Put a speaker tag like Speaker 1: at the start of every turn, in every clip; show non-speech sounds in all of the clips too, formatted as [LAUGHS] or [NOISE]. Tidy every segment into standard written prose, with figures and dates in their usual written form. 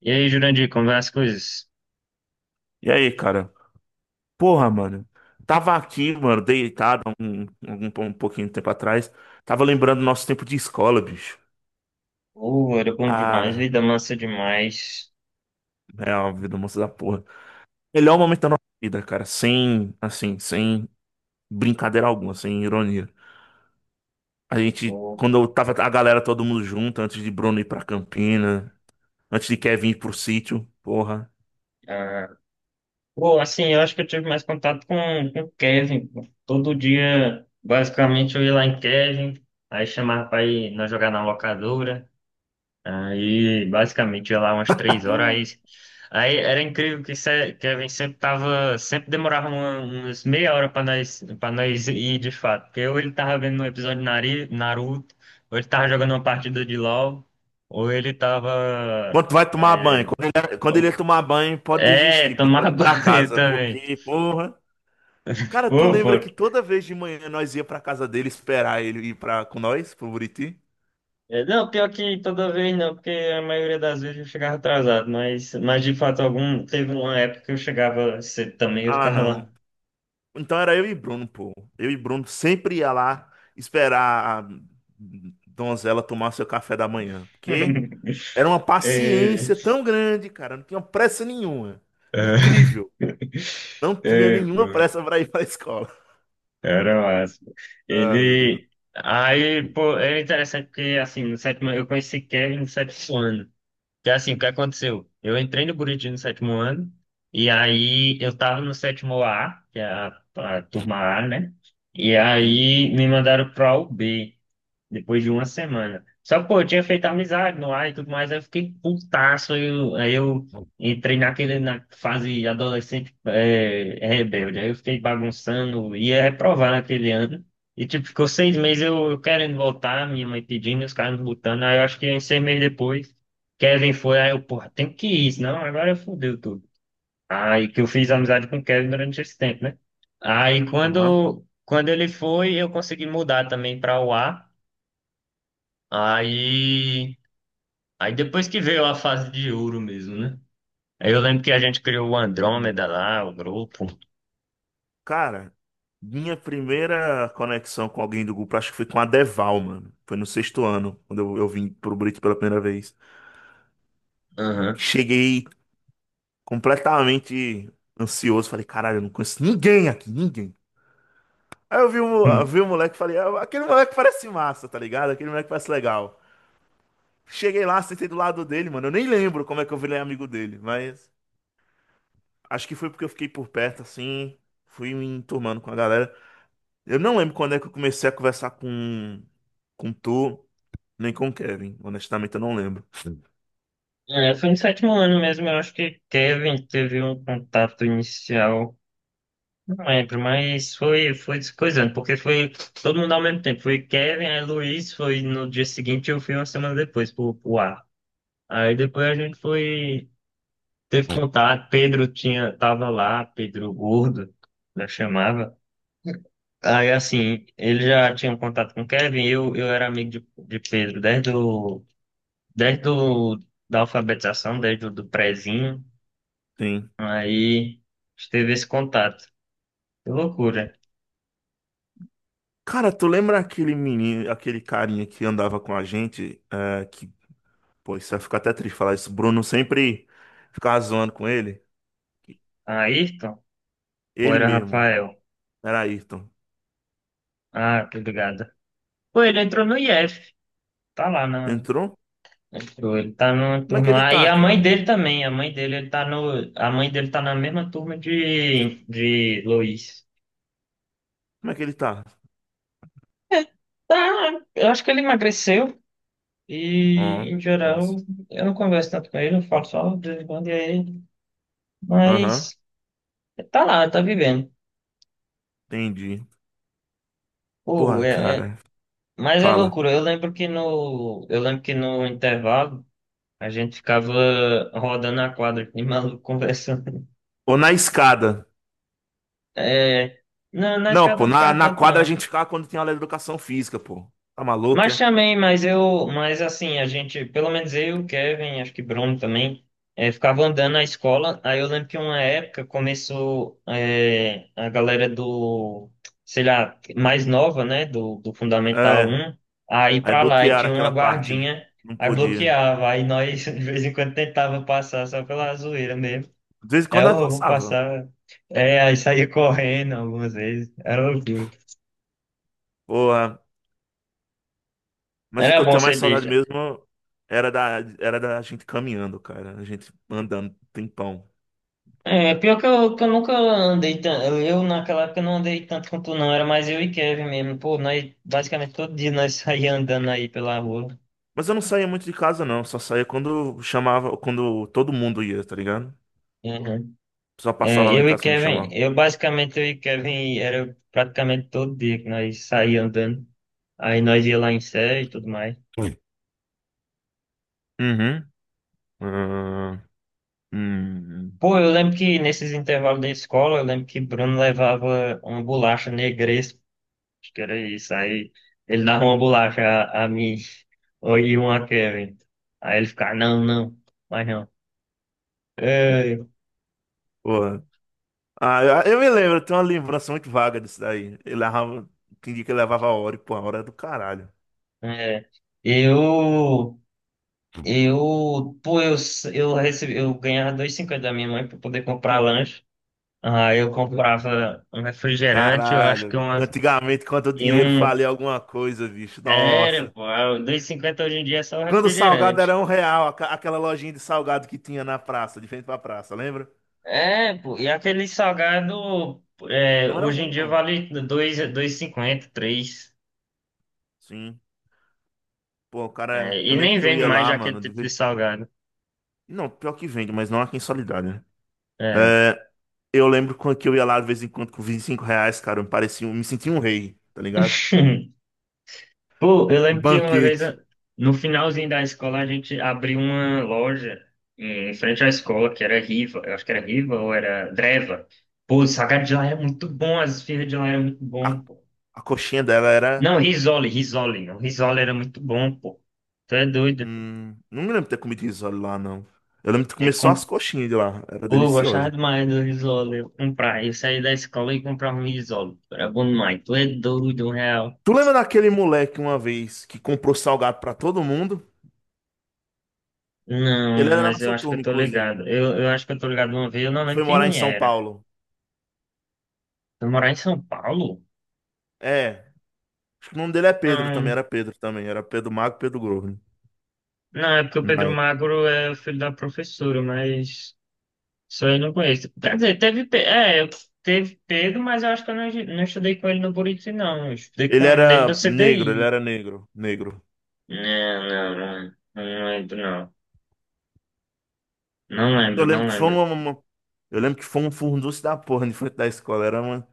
Speaker 1: E aí, Jurandir, como vai as coisas?
Speaker 2: E aí, cara? Porra, mano. Tava aqui, mano, deitado um pouquinho de tempo atrás. Tava lembrando do nosso tempo de escola, bicho.
Speaker 1: Pô, era bom demais,
Speaker 2: Cara,
Speaker 1: vida massa demais.
Speaker 2: é uma vida moça da porra. Melhor momento da nossa vida, cara. Sem, assim, sem brincadeira alguma, sem ironia. A gente,
Speaker 1: Pô,
Speaker 2: quando eu tava a galera todo mundo junto, antes de Bruno ir pra Campina, antes de Kevin ir pro sítio, porra.
Speaker 1: ah, pô, eu acho que eu tive mais contato com o Kevin. Pô, todo dia, basicamente, eu ia lá em Kevin, aí chamava pra ir nós jogar na locadora. Basicamente, ia lá umas 3 horas. Aí era incrível que Kevin sempre tava, sempre demorava umas meia hora para nós ir de fato. Porque ou ele tava vendo um episódio de Naruto, ou ele tava jogando uma partida de LoL, ou ele tava.
Speaker 2: Quando tu vai tomar banho?
Speaker 1: É,
Speaker 2: Quando ele ia tomar banho, pode
Speaker 1: é,
Speaker 2: desistir, mano.
Speaker 1: tomava [LAUGHS]
Speaker 2: Pode ir pra
Speaker 1: banho
Speaker 2: casa,
Speaker 1: também.
Speaker 2: porque, porra. Cara, tu lembra
Speaker 1: Ufa.
Speaker 2: que toda vez de manhã nós ia pra casa dele esperar ele ir pra, com nós, pro Buriti?
Speaker 1: É. Não, pior que toda vez não, porque a maioria das vezes eu chegava atrasado, mas de fato algum, teve uma época que eu chegava cedo também, eu
Speaker 2: Ah,
Speaker 1: ficava
Speaker 2: não.
Speaker 1: lá.
Speaker 2: Então era eu e Bruno, pô. Eu e Bruno sempre ia lá esperar a donzela tomar seu café da manhã. Porque
Speaker 1: [LAUGHS]
Speaker 2: era uma
Speaker 1: É,
Speaker 2: paciência tão grande, cara. Não tinha pressa nenhuma.
Speaker 1: é,
Speaker 2: Incrível. Não
Speaker 1: [LAUGHS]
Speaker 2: tinha
Speaker 1: é, pô,
Speaker 2: nenhuma pressa pra ir pra escola.
Speaker 1: era massa.
Speaker 2: Ah, meu Deus.
Speaker 1: Ele. Aí, pô, é interessante porque, assim, no sétimo, eu conheci Kevin no sétimo ano. Que, assim, o que aconteceu? Eu entrei no Buriti no sétimo ano, e aí eu tava no sétimo A, que é a turma A, né? E
Speaker 2: Sim.
Speaker 1: aí me mandaram pra U B depois de uma semana. Só que, pô, eu tinha feito amizade no ar e tudo mais, aí eu fiquei putaço. Aí eu entrei naquele, na fase adolescente rebelde. Aí eu fiquei bagunçando, ia reprovar naquele ano. E, tipo, ficou 6 meses eu querendo voltar, minha mãe pedindo, os caras não botando. Aí eu acho que uns 6 meses depois, Kevin foi, aí eu, porra, tem que ir, senão agora fudeu tudo. Aí que eu fiz amizade com o Kevin durante esse tempo, né? Aí
Speaker 2: Aham.
Speaker 1: quando ele foi, eu consegui mudar também para o A. Aí, aí depois que veio a fase de ouro mesmo, né? Aí eu lembro que a gente criou o
Speaker 2: Hum.
Speaker 1: Andrômeda lá, o grupo.
Speaker 2: Cara, minha primeira conexão com alguém do grupo, acho que foi com a Deval, mano. Foi no sexto ano, quando eu vim pro Brito pela primeira vez.
Speaker 1: Aham.
Speaker 2: Cheguei completamente ansioso, falei, caralho, eu não conheço ninguém aqui, ninguém. Aí eu
Speaker 1: Hum.
Speaker 2: vi o moleque e falei, "Ah, aquele moleque parece massa, tá ligado? Aquele moleque parece legal. Cheguei lá, sentei do lado dele, mano. Eu nem lembro como é que eu virei amigo dele, mas acho que foi porque eu fiquei por perto, assim, fui me enturmando com a galera. Eu não lembro quando é que eu comecei a conversar com, tu. Nem com o Kevin, honestamente eu não lembro.
Speaker 1: É, foi no sétimo ano mesmo, eu acho que Kevin teve um contato inicial, não lembro, mas foi, foi descoisando, porque foi todo mundo ao mesmo tempo. Foi Kevin, aí Luiz foi no dia seguinte, eu fui uma semana depois pro ar. Aí depois a gente foi, teve contato, Pedro tinha, tava lá, Pedro Gordo, né, chamava. Aí, assim, ele já tinha um contato com o Kevin, eu era amigo de Pedro desde, o, desde da alfabetização, desde o do prezinho.
Speaker 2: Sim.
Speaker 1: Aí, teve esse contato. Que loucura.
Speaker 2: Cara, tu lembra aquele menino, aquele carinha que andava com a gente, é, que, pô, isso vai ficar até triste falar isso. Bruno sempre ficava zoando com ele.
Speaker 1: Ayrton? Ou
Speaker 2: Ele
Speaker 1: era
Speaker 2: mesmo,
Speaker 1: Rafael?
Speaker 2: era Ayrton.
Speaker 1: Ah, tô ligado. Pô, ele entrou no IF. Tá lá na...
Speaker 2: Entrou?
Speaker 1: Entrou, ele tá numa
Speaker 2: Como é que
Speaker 1: turma
Speaker 2: ele
Speaker 1: lá. E
Speaker 2: tá,
Speaker 1: a mãe
Speaker 2: cara?
Speaker 1: dele também. A mãe dele, ele tá no... A mãe dele tá na mesma turma de Luiz.
Speaker 2: Como é que ele tá?
Speaker 1: Tá, eu acho que ele emagreceu. E,
Speaker 2: Ó,
Speaker 1: em geral,
Speaker 2: nossa.
Speaker 1: eu não converso tanto com ele, eu falo só de vez em quando, e aí,
Speaker 2: Aham,
Speaker 1: mas tá lá, tá vivendo.
Speaker 2: entendi.
Speaker 1: Pô,
Speaker 2: Porra,
Speaker 1: é, é-
Speaker 2: cara,
Speaker 1: mas é
Speaker 2: fala.
Speaker 1: loucura. Eu lembro que no intervalo a gente ficava rodando a quadra, de maluco [LAUGHS] conversando.
Speaker 2: Ou na escada.
Speaker 1: É, na
Speaker 2: Não,
Speaker 1: escada
Speaker 2: pô,
Speaker 1: não
Speaker 2: na,
Speaker 1: ficava
Speaker 2: na
Speaker 1: tanto,
Speaker 2: quadra a
Speaker 1: não.
Speaker 2: gente ficava quando tinha aula de educação física, pô. Tá maluco,
Speaker 1: Mas
Speaker 2: é?
Speaker 1: também, mas assim, a gente, pelo menos eu, Kevin, acho que Bruno também, ficava andando na escola. Aí eu lembro que uma época começou a galera do, sei lá, mais nova, né, do Fundamental
Speaker 2: É.
Speaker 1: um a ir
Speaker 2: Aí
Speaker 1: pra lá e
Speaker 2: bloquearam
Speaker 1: tinha uma
Speaker 2: aquela parte.
Speaker 1: guardinha,
Speaker 2: Não
Speaker 1: aí
Speaker 2: podia.
Speaker 1: bloqueava, aí nós [LAUGHS] de vez em quando tentava passar só pela zoeira mesmo.
Speaker 2: De vez em
Speaker 1: Aí
Speaker 2: quando
Speaker 1: eu
Speaker 2: ela
Speaker 1: "Ô, vou
Speaker 2: passava.
Speaker 1: passar, é, aí saía correndo algumas vezes, era loucura.
Speaker 2: Porra. Mas o
Speaker 1: Era
Speaker 2: que eu
Speaker 1: bom
Speaker 2: tenho mais
Speaker 1: ser
Speaker 2: saudade
Speaker 1: besta.
Speaker 2: mesmo era da gente caminhando, cara. A gente andando um tempão.
Speaker 1: É, pior que eu nunca andei tanto. Eu naquela época não andei tanto com tu, não. Era mais eu e Kevin mesmo. Pô, nós basicamente todo dia nós [LAUGHS] saíamos andando aí pela rua.
Speaker 2: Mas eu não saía muito de casa, não. Só saía quando chamava, quando todo mundo ia, tá ligado?
Speaker 1: Uhum.
Speaker 2: Só
Speaker 1: É,
Speaker 2: passava lá em
Speaker 1: eu e
Speaker 2: casa pra me
Speaker 1: Kevin,
Speaker 2: chamar.
Speaker 1: eu basicamente eu e Kevin era praticamente todo dia que nós saíamos andando. Aí nós ia lá em série e tudo mais.
Speaker 2: Oi. Uhum. Ah, hum.
Speaker 1: Pô, eu lembro que nesses intervalos da escola, eu lembro que Bruno levava uma bolacha negresa. Acho que era isso. Aí ele dava uma bolacha a mim ou e uma a Kevin. Aí ele ficava, não, mas não. É,
Speaker 2: Porra. Ah, eu me lembro, eu tenho uma lembrança muito vaga disso daí. Ele levava, tinha dia que ele levava a hora, e pô, a hora é do caralho.
Speaker 1: é. Eu, eu, pô, eu, recebi, eu ganhava 2,50 da minha mãe para poder comprar lanche. Aí eu comprava um refrigerante, eu acho que
Speaker 2: Caralho,
Speaker 1: uma,
Speaker 2: antigamente quando o
Speaker 1: e
Speaker 2: dinheiro
Speaker 1: um,
Speaker 2: valia alguma coisa, bicho,
Speaker 1: era,
Speaker 2: nossa.
Speaker 1: pô, dois e cinquenta hoje em dia é só
Speaker 2: Quando o salgado
Speaker 1: refrigerante.
Speaker 2: era R$ 1, aquela lojinha de salgado que tinha na praça, de frente pra praça, lembra?
Speaker 1: É, pô, e aquele salgado, é,
Speaker 2: Não era
Speaker 1: hoje em
Speaker 2: ruim,
Speaker 1: dia
Speaker 2: não.
Speaker 1: vale 2, cinquenta três.
Speaker 2: Sim. Pô,
Speaker 1: É,
Speaker 2: cara, eu
Speaker 1: e
Speaker 2: lembro
Speaker 1: nem
Speaker 2: que eu
Speaker 1: vende
Speaker 2: ia
Speaker 1: mais
Speaker 2: lá,
Speaker 1: aquele
Speaker 2: mano, de
Speaker 1: tipo
Speaker 2: vez...
Speaker 1: de salgado.
Speaker 2: Não, pior que vende, mas não aqui em Soledade, né?
Speaker 1: É.
Speaker 2: É, eu lembro quando que eu ia lá de vez em quando com R$ 25, cara, eu me parecia, me sentia um rei, tá ligado?
Speaker 1: [LAUGHS] Pô, eu
Speaker 2: Um
Speaker 1: lembro que uma vez,
Speaker 2: banquete.
Speaker 1: no finalzinho da escola, a gente abriu uma loja em frente à escola, que era Riva, eu acho que era Riva ou era Dreva. Pô, o salgado de lá era muito bom, as esfirras de lá eram muito bom,
Speaker 2: A,
Speaker 1: pô.
Speaker 2: a coxinha dela era
Speaker 1: Não, Risole, não. Risole era muito bom, pô. Tu é doido.
Speaker 2: Não me lembro de ter comido risole lá, não. Eu lembro de comer
Speaker 1: Eu
Speaker 2: só as
Speaker 1: com...
Speaker 2: coxinhas de lá. Era
Speaker 1: Pô, eu gostava
Speaker 2: deliciosa.
Speaker 1: demais do Risole, eu comprava. Eu saía da escola e comprava um Risole. Era bom demais. Tu é doido, R$ 1.
Speaker 2: Tu lembra daquele moleque uma vez que comprou salgado pra todo mundo? Ele
Speaker 1: Não,
Speaker 2: era da
Speaker 1: mas eu
Speaker 2: nossa
Speaker 1: acho que
Speaker 2: turma,
Speaker 1: eu tô
Speaker 2: inclusive.
Speaker 1: ligado. Eu acho que eu tô ligado uma vez, eu não
Speaker 2: E
Speaker 1: lembro
Speaker 2: foi morar em
Speaker 1: quem
Speaker 2: São
Speaker 1: era.
Speaker 2: Paulo.
Speaker 1: Eu morar em São Paulo?
Speaker 2: É. Acho que o nome dele é Pedro também.
Speaker 1: Não,
Speaker 2: Era Pedro também. Era Pedro Magro, Pedro Gordo, né?
Speaker 1: não, é porque o
Speaker 2: Na
Speaker 1: Pedro
Speaker 2: época.
Speaker 1: Magro é o filho da professora, mas isso aí eu não conheço. Quer dizer, teve, teve Pedro, mas eu acho que eu não, não estudei com ele no Buriti, não. Eu estudei com
Speaker 2: Ele
Speaker 1: ele no
Speaker 2: era negro, ele
Speaker 1: CDI.
Speaker 2: era negro. Negro.
Speaker 1: Não, não, não, lembro, não.
Speaker 2: Eu lembro
Speaker 1: Não
Speaker 2: que foi
Speaker 1: lembro.
Speaker 2: uma. uma- Eu lembro que foi um furdunço da porra de frente da escola.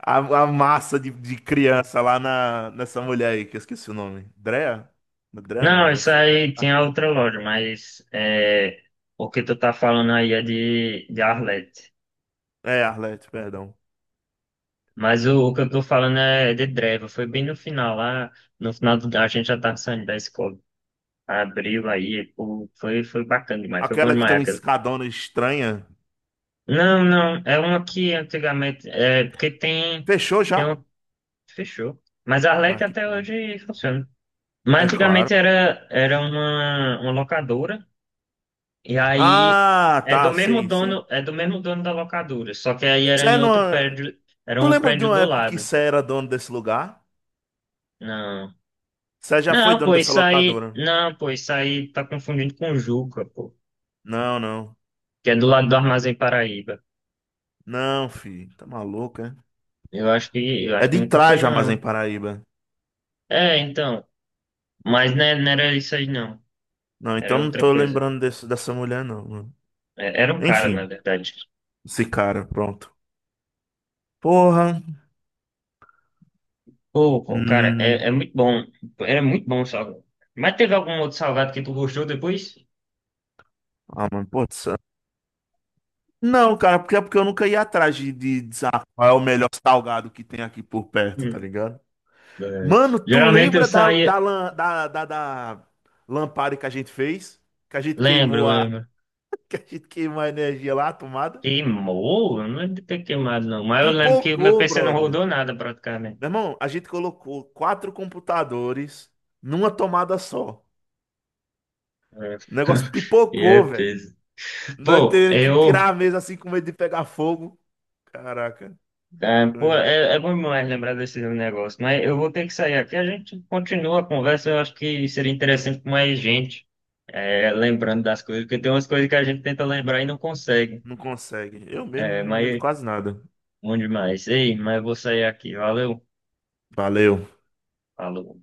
Speaker 2: A, a massa de, criança lá nessa mulher aí, que eu esqueci o nome. Drea? Drea não,
Speaker 1: Não,
Speaker 2: Drea.
Speaker 1: isso aí tinha outra loja, mas é, o que tu tá falando aí é de Arlete.
Speaker 2: É, Arlete, perdão.
Speaker 1: Mas o que eu tô falando é de Dreva. Foi bem no final lá. No final do, a gente já tava saindo da escola. Abriu aí, pô. Foi bacana demais. Foi bom
Speaker 2: Aquela que
Speaker 1: demais
Speaker 2: tem uma
Speaker 1: aquele.
Speaker 2: escadona estranha.
Speaker 1: Não, não. É uma que antigamente. É, porque tem.
Speaker 2: Fechou
Speaker 1: Tem
Speaker 2: já?
Speaker 1: um. Fechou. Mas a
Speaker 2: Ah,
Speaker 1: Arlec
Speaker 2: que
Speaker 1: até
Speaker 2: pena.
Speaker 1: hoje funciona. Mas
Speaker 2: É claro.
Speaker 1: antigamente era, era uma locadora. E aí.
Speaker 2: Ah,
Speaker 1: É do
Speaker 2: tá,
Speaker 1: mesmo
Speaker 2: sei, sei.
Speaker 1: dono, é do mesmo dono da locadora. Só que aí era
Speaker 2: Sé
Speaker 1: em
Speaker 2: não...
Speaker 1: outro prédio. Era
Speaker 2: Tu
Speaker 1: um
Speaker 2: lembra de
Speaker 1: prédio
Speaker 2: uma
Speaker 1: do
Speaker 2: época que
Speaker 1: lado.
Speaker 2: Sé era dono desse lugar?
Speaker 1: Não.
Speaker 2: Sé já foi
Speaker 1: Não, pô,
Speaker 2: dono dessa
Speaker 1: isso aí.
Speaker 2: locadora.
Speaker 1: Não, pô, isso aí tá confundindo com Juca, pô.
Speaker 2: Não, não.
Speaker 1: Que é do lado do Armazém Paraíba.
Speaker 2: Não, filho. Tá maluco, é?
Speaker 1: Eu acho que. Eu
Speaker 2: É
Speaker 1: acho que
Speaker 2: de
Speaker 1: nunca foi,
Speaker 2: trás já, mas em
Speaker 1: não.
Speaker 2: Paraíba.
Speaker 1: É, então. Mas né, não era isso aí, não.
Speaker 2: Não, então
Speaker 1: Era
Speaker 2: não
Speaker 1: outra
Speaker 2: tô
Speaker 1: coisa.
Speaker 2: lembrando desse, dessa mulher, não, mano.
Speaker 1: É, era um cara, na
Speaker 2: Enfim.
Speaker 1: verdade.
Speaker 2: Esse cara, pronto. Porra.
Speaker 1: Pô, cara, é,
Speaker 2: Hum.
Speaker 1: é muito bom. Era muito bom o salgado. Mas teve algum outro salgado que tu gostou depois?
Speaker 2: Ah, mano, putz. Não, cara, porque é porque eu nunca ia atrás de qual é o melhor salgado que tem aqui por perto, tá
Speaker 1: Hum.
Speaker 2: ligado?
Speaker 1: É.
Speaker 2: Mano, tu
Speaker 1: Geralmente eu
Speaker 2: lembra da,
Speaker 1: saía.
Speaker 2: da, lan- da, da, da lampada que a gente fez? Que a gente
Speaker 1: Lembro,
Speaker 2: queimou a,
Speaker 1: lembro.
Speaker 2: [LAUGHS] que a gente queimou a energia lá, a tomada?
Speaker 1: Queimou? Eu não lembro de ter queimado, não. Mas eu lembro que o meu
Speaker 2: Pipocou,
Speaker 1: PC não
Speaker 2: brother.
Speaker 1: rodou nada praticamente.
Speaker 2: Meu irmão, a gente colocou quatro computadores numa tomada só.
Speaker 1: É.
Speaker 2: O negócio
Speaker 1: [LAUGHS] E é
Speaker 2: pipocou, velho.
Speaker 1: peso.
Speaker 2: Nós
Speaker 1: Pô,
Speaker 2: tendo que tirar a
Speaker 1: eu.
Speaker 2: mesa assim com medo de pegar fogo. Caraca,
Speaker 1: É, pô,
Speaker 2: eu-
Speaker 1: é bom demais lembrar desse negócio, mas eu vou ter que sair aqui. A gente continua a conversa. Eu acho que seria interessante com mais gente, é, lembrando das coisas, porque tem umas coisas que a gente tenta lembrar e não consegue.
Speaker 2: não consegue. Eu mesmo
Speaker 1: É,
Speaker 2: não me lembro
Speaker 1: mas
Speaker 2: quase nada.
Speaker 1: bom demais. Ei, mas eu vou sair aqui. Valeu.
Speaker 2: Valeu.
Speaker 1: Falou.